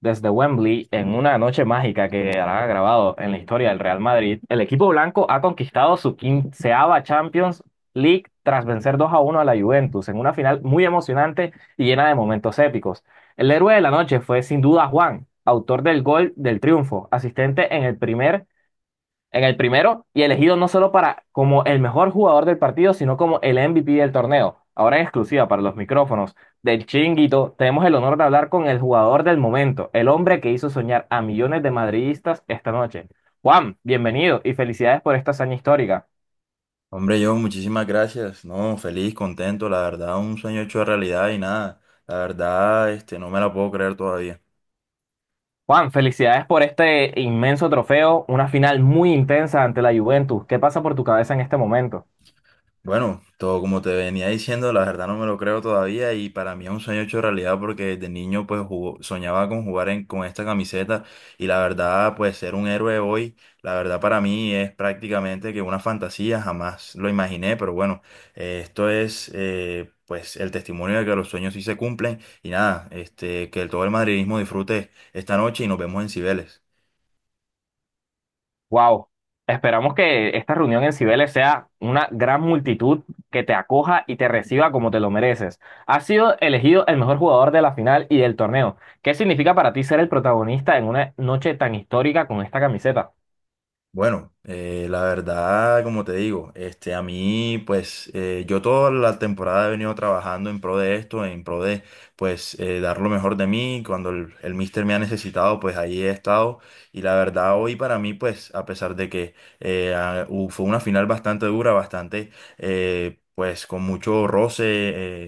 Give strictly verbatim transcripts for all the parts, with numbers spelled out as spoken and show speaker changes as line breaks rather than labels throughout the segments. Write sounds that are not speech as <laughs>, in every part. Desde Wembley, en una noche mágica que hará grabado en la historia del Real Madrid, el equipo blanco ha conquistado su quinceava Champions League tras vencer dos a uno a la Juventus en una final muy emocionante y llena de momentos épicos. El héroe de la noche fue sin duda Juan, autor del gol del triunfo, asistente en el primer en el primero y elegido no solo para como el mejor jugador del partido, sino como el M V P del torneo. Ahora en exclusiva para los micrófonos del Chinguito, tenemos el honor de hablar con el jugador del momento, el hombre que hizo soñar a millones de madridistas esta noche. Juan, bienvenido y felicidades por esta hazaña histórica.
Hombre, yo muchísimas gracias. No, feliz, contento, la verdad, un sueño hecho realidad y nada. La verdad, este, no me la puedo creer todavía.
Juan, felicidades por este inmenso trofeo, una final muy intensa ante la Juventus. ¿Qué pasa por tu cabeza en este momento?
Bueno, todo como te venía diciendo, la verdad no me lo creo todavía y para mí es un sueño hecho realidad porque desde niño pues jugó- soñaba con jugar en, con esta camiseta y la verdad pues ser un héroe hoy, la verdad para mí es prácticamente que una fantasía, jamás lo imaginé, pero bueno, eh, esto es eh, pues el testimonio de que los sueños sí se cumplen y nada, este, que todo el madridismo disfrute esta noche y nos vemos en Cibeles.
Wow. Esperamos que esta reunión en Cibeles sea una gran multitud que te acoja y te reciba como te lo mereces. Has sido elegido el mejor jugador de la final y del torneo. ¿Qué significa para ti ser el protagonista en una noche tan histórica con esta camiseta?
Bueno, eh, la verdad, como te digo, este, a mí, pues, eh, yo toda la temporada he venido trabajando en pro de esto, en pro de, pues, eh, dar lo mejor de mí. Cuando el, el mister me ha necesitado, pues, ahí he estado. Y la verdad, hoy para mí, pues, a pesar de que eh, ah, hu- fue una final bastante dura, bastante, eh, pues, con mucho roce,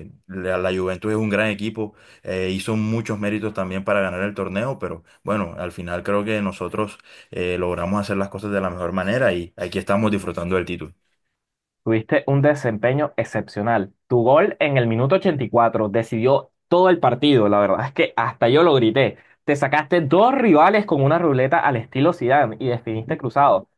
eh, la, la Juventus es un gran equipo, eh, hizo muchos méritos también para ganar el torneo, pero bueno, al final creo que nosotros eh, logramos hacer las cosas de la mejor manera y aquí estamos disfrutando del título.
Tuviste un desempeño excepcional. Tu gol en el minuto ochenta y cuatro decidió todo el partido. La verdad es que hasta yo lo grité. Te sacaste dos rivales con una ruleta al estilo Zidane y definiste cruzado.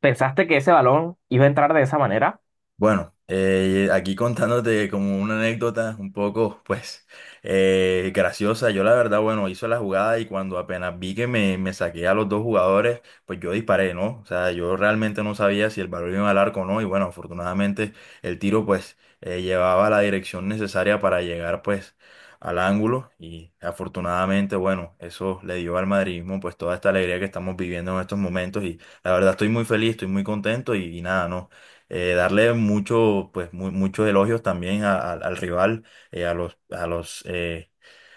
¿Pensaste que ese balón iba a entrar de esa manera?
Bueno, eh, aquí contándote como una anécdota un poco, pues, eh, graciosa. Yo la verdad, bueno, hizo la jugada y cuando apenas vi que me, me saqué a los dos jugadores, pues yo disparé, ¿no? O sea, yo realmente no sabía si el balón iba al arco o no. Y bueno, afortunadamente el tiro, pues, eh, llevaba la dirección necesaria para llegar, pues, al ángulo. Y afortunadamente, bueno, eso le dio al madridismo, pues, toda esta alegría que estamos viviendo en estos momentos. Y la verdad estoy muy feliz, estoy muy contento y y nada, ¿no? eh, darle mucho, pues, mu- muchos elogios también a- a- al rival, eh, a los, a los, eh,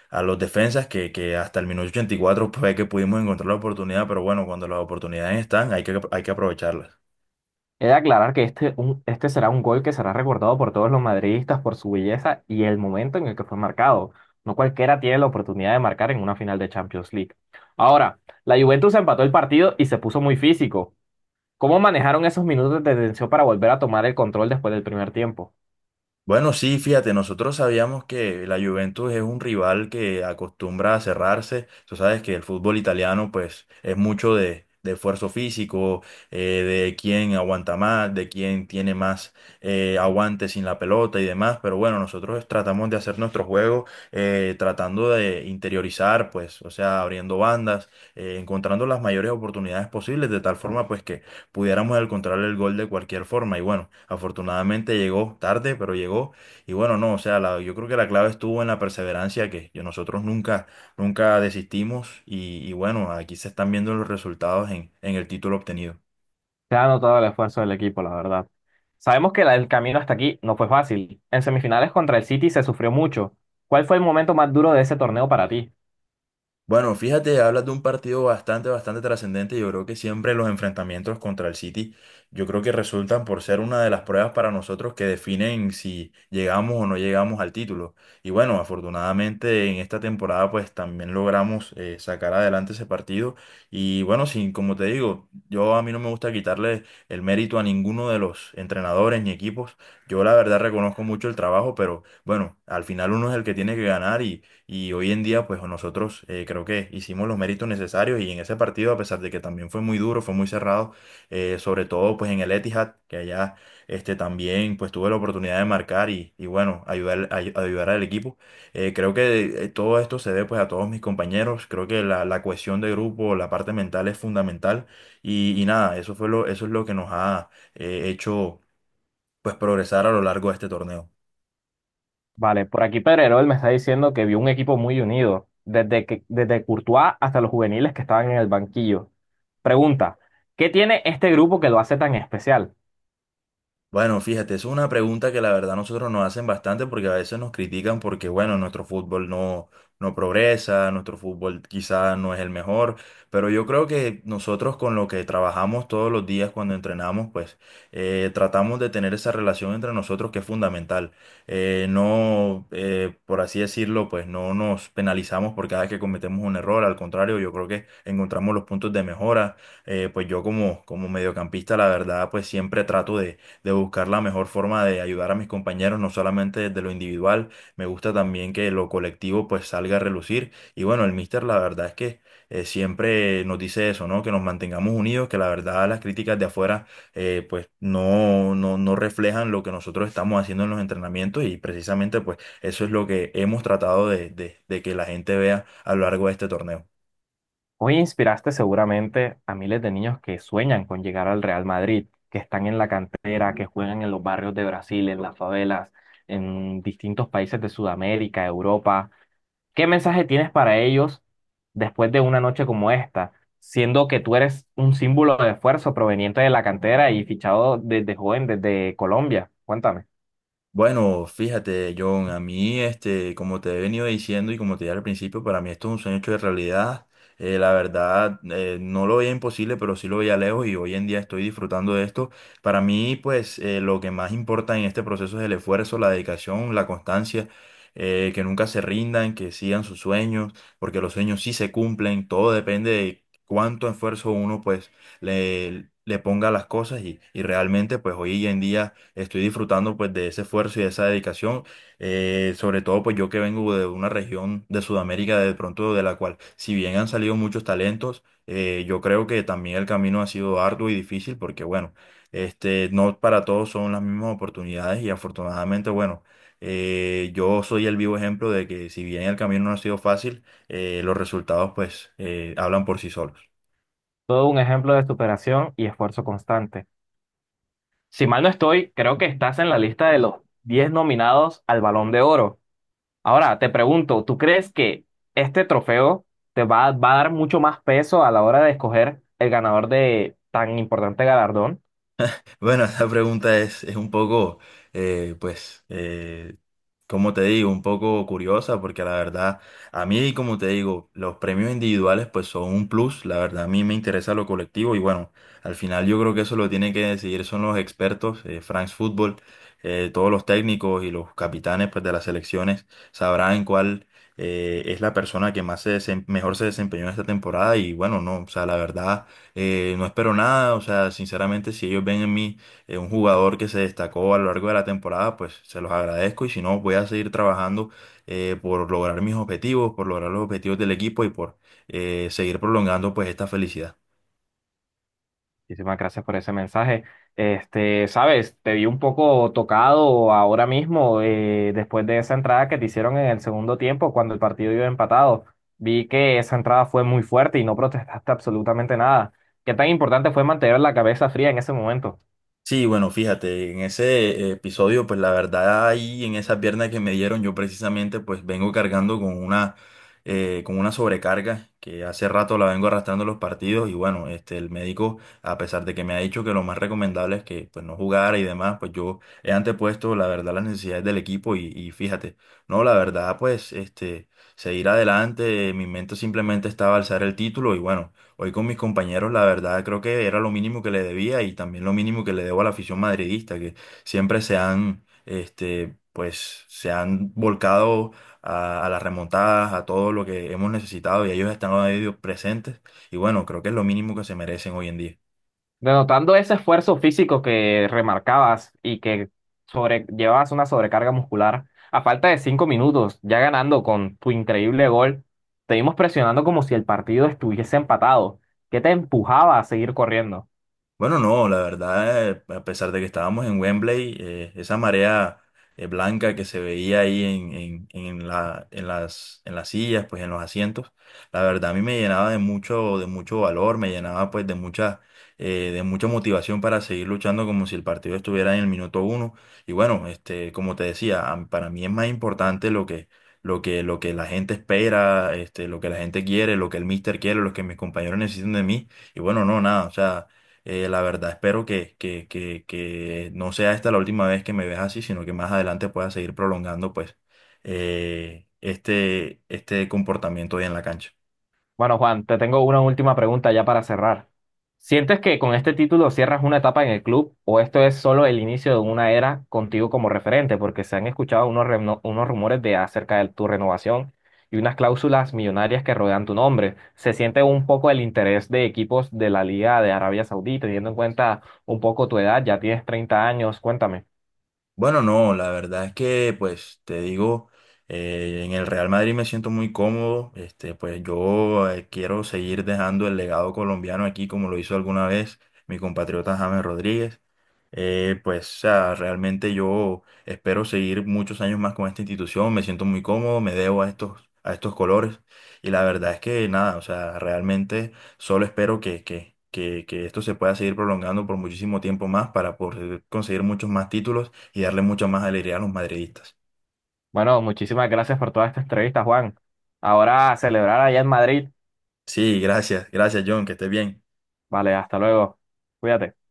a los defensas que, que hasta el minuto ochenta y cuatro fue que pudimos encontrar la oportunidad, pero bueno, cuando las oportunidades están, hay que, hay que aprovecharlas.
He de aclarar que este, un- este será un gol que será recordado por todos los madridistas por su belleza y el momento en el que fue marcado. No cualquiera tiene la oportunidad de marcar en una final de Champions League. Ahora, la Juventus empató el partido y se puso muy físico. ¿Cómo manejaron esos minutos de tensión para volver a tomar el control después del primer tiempo?
Bueno, sí, fíjate, nosotros sabíamos que la Juventus es un rival que acostumbra a cerrarse. Tú sabes que el fútbol italiano, pues, es mucho de, de esfuerzo físico, eh, de quién aguanta más, de quién tiene más eh, aguante sin la pelota y demás. Pero bueno, nosotros tratamos de hacer nuestro juego eh, tratando de interiorizar, pues, o sea, abriendo bandas, eh, encontrando las mayores oportunidades posibles, de tal forma, pues, que pudiéramos encontrar el gol de cualquier forma. Y bueno, afortunadamente llegó tarde, pero llegó. Y bueno, no, o sea, la- yo creo que la clave estuvo en la perseverancia que yo- nosotros nunca, nunca desistimos. Y, y bueno, aquí se están viendo los resultados en, en el título obtenido.
Se ha notado el esfuerzo del equipo, la verdad. Sabemos que la- el camino hasta aquí no fue fácil. En semifinales contra el City se sufrió mucho. ¿Cuál fue el momento más duro de ese torneo para ti?
Bueno, fíjate, hablas de un partido bastante, bastante trascendente. Yo creo que siempre los enfrentamientos contra el City, yo creo que resultan por ser una de las pruebas para nosotros que definen si llegamos o no llegamos al título. Y bueno, afortunadamente en esta temporada pues también logramos eh, sacar adelante ese partido. Y bueno, sí, como te digo, yo a mí no me gusta quitarle el mérito a ninguno de los entrenadores ni equipos. Yo la verdad reconozco mucho el trabajo, pero bueno, al final uno es el que tiene que ganar y hoy en día, pues nosotros eh, creo que hicimos los méritos necesarios y en ese partido, a pesar de que también fue muy duro, fue muy cerrado, eh, sobre todo pues en el Etihad, que allá este, también pues tuve la oportunidad de marcar y, y bueno, ayudar, ay- ayudar al equipo. Eh, creo que eh, todo esto se debe pues a todos mis compañeros, creo que la, la cohesión de grupo, la parte mental es fundamental y, y nada, eso fue lo, eso es lo que nos ha eh, hecho pues progresar a lo largo de este torneo.
Vale, por aquí Pedrerol me está diciendo que vio un equipo muy unido, desde que, desde Courtois hasta los juveniles que estaban en el banquillo. Pregunta, ¿qué tiene este grupo que lo hace tan especial?
Bueno, fíjate, eso es una pregunta que la verdad nosotros nos hacen bastante porque a veces nos critican porque, bueno, nuestro fútbol no, no progresa, nuestro fútbol quizá no es el mejor, pero yo creo que nosotros con lo que trabajamos todos los días cuando entrenamos, pues eh, tratamos de tener esa relación entre nosotros que es fundamental. Eh, no, eh, por así decirlo, pues no nos penalizamos por cada vez que cometemos un error, al contrario, yo creo que encontramos los puntos de mejora. Eh, pues yo como, como mediocampista, la verdad, pues siempre trato de de buscar la mejor forma de ayudar a mis compañeros, no solamente desde lo individual, me gusta también que lo colectivo pues salga a relucir. Y bueno, el míster la verdad es que eh, siempre nos dice eso, ¿no? Que nos mantengamos unidos, que la verdad las críticas de afuera eh, pues no, no, no reflejan lo que nosotros estamos haciendo en los entrenamientos y precisamente pues eso es lo que hemos tratado de, de de que la gente vea a lo largo de este torneo.
Hoy inspiraste seguramente a miles de niños que sueñan con llegar al Real Madrid, que están en la cantera, que juegan en los barrios de Brasil, en las favelas, en distintos países de Sudamérica, Europa. ¿Qué mensaje tienes para ellos después de una noche como esta, siendo que tú eres un símbolo de esfuerzo proveniente de la cantera y fichado desde joven, desde Colombia? Cuéntame.
Bueno, fíjate, John, a mí, este, como te he venido diciendo y como te dije al principio, para mí esto es un sueño hecho de realidad. Eh, la verdad, eh, no lo veía imposible, pero sí lo veía lejos y hoy en día estoy disfrutando de esto. Para mí, pues, eh, lo que más importa en este proceso es el esfuerzo, la dedicación, la constancia, eh, que nunca se rindan, que sigan sus sueños, porque los sueños sí se cumplen, todo depende de cuánto esfuerzo uno, pues, le, le ponga las cosas y, y realmente pues hoy en día estoy disfrutando pues de ese esfuerzo y de esa dedicación, eh, sobre todo pues yo que vengo de una región de Sudamérica de pronto de la cual si bien han salido muchos talentos, eh, yo creo que también el camino ha sido arduo y difícil porque bueno, este, no para todos son las mismas oportunidades y afortunadamente bueno. eh, yo soy el vivo ejemplo de que si bien el camino no ha sido fácil, eh, los resultados pues eh, hablan por sí solos.
Todo un ejemplo de superación y esfuerzo constante. Si mal no estoy, creo que estás en la lista de los diez nominados al Balón de Oro. Ahora, te pregunto, ¿tú crees que este trofeo te va, va a dar mucho más peso a la hora de escoger el ganador de tan importante galardón?
Bueno, <laughs> esa pregunta es, es un poco, eh, pues, eh, como te digo, un poco curiosa, porque la verdad, a mí, como te digo, los premios individuales, pues, son un plus. La verdad, a mí me interesa lo colectivo y bueno, al final yo creo que eso lo tienen que decidir son los expertos, eh, France Football, eh, todos los técnicos y los capitanes, pues, de las selecciones sabrán cuál eh, es la persona que más se desem- mejor se desempeñó esta temporada y bueno, no, o sea, la verdad. Eh, no espero nada, o sea, sinceramente, si ellos ven en mí eh, un jugador que se destacó a lo largo de la temporada, pues se los agradezco y si no, voy a seguir trabajando eh, por lograr mis objetivos, por lograr los objetivos del equipo y por eh, seguir prolongando pues esta felicidad.
Muchísimas gracias por ese mensaje. Este, sabes, te vi un poco tocado ahora mismo, eh, después de esa entrada que te hicieron en el segundo tiempo, cuando el partido iba empatado. Vi que esa entrada fue muy fuerte y no protestaste absolutamente nada. ¿Qué tan importante fue mantener la cabeza fría en ese momento?
Sí, bueno, fíjate, en ese episodio, pues la verdad ahí en esa pierna que me dieron, yo precisamente pues vengo cargando con una, eh, con una sobrecarga que hace rato la vengo arrastrando en los partidos y bueno, este, el médico, a pesar de que me ha dicho que lo más recomendable es que pues no jugara y demás, pues yo he antepuesto la verdad las necesidades del equipo y, y fíjate, no, la verdad pues este, seguir adelante, mi mente simplemente estaba alzar el título y bueno. Hoy con mis compañeros, la verdad, creo que era lo mínimo que le debía y también lo mínimo que le debo a la afición madridista, que siempre se han, este, pues, se han volcado a, a las remontadas, a todo lo que hemos necesitado y ellos están ahí presentes. Y bueno, creo que es lo mínimo que se merecen hoy en día.
Denotando ese esfuerzo físico que remarcabas y que sobre, llevabas una sobrecarga muscular, a falta de cinco minutos, ya ganando con tu increíble gol, te vimos presionando como si el partido estuviese empatado. ¿Qué te empujaba a seguir corriendo?
Bueno, no, la verdad, eh, a pesar de que estábamos en Wembley, eh, esa marea eh, blanca que se veía ahí en, en, en la, en las, en las sillas, pues en los asientos, la verdad a mí me llenaba de mucho, de mucho valor, me llenaba pues de mucha, eh, de mucha motivación para seguir luchando como si el partido estuviera en el minuto uno. Y bueno, este, como te decía, a- para mí es más importante lo que, lo que, lo que la gente espera, este, lo que la gente quiere, lo que el míster quiere, lo que mis compañeros necesitan de mí. Y bueno, no, nada, o sea. Eh, la verdad, espero que, que, que, que no sea esta la última vez que me ves así, sino que más adelante puedas seguir prolongando pues eh, este, este comportamiento hoy en la cancha.
Bueno, Juan, te tengo una última pregunta ya para cerrar. ¿Sientes que con este título cierras una etapa en el club o esto es solo el inicio de una era contigo como referente? Porque se han escuchado unos, reno- unos rumores de acerca de tu renovación y unas cláusulas millonarias que rodean tu nombre. ¿Se siente un poco el interés de equipos de la Liga de Arabia Saudí, teniendo en cuenta un poco tu edad? Ya tienes treinta años, cuéntame.
Bueno, no, la verdad es que, pues, te digo, eh, en el Real Madrid me siento muy cómodo. Este, pues yo eh, quiero seguir dejando el legado colombiano aquí, como lo hizo alguna vez mi compatriota James Rodríguez. Eh, pues, o sea, realmente yo espero seguir muchos años más con esta institución. Me siento muy cómodo, me debo a estos, a estos colores. Y la verdad es que nada, o sea, realmente solo espero que, que, que, que esto se pueda seguir prolongando por muchísimo tiempo más para poder conseguir muchos más títulos y darle mucho más alegría a los madridistas.
Bueno, muchísimas gracias por toda esta entrevista, Juan. Ahora a celebrar allá en Madrid.
Sí, gracias, gracias John, que estés bien.
Vale, hasta luego. Cuídate.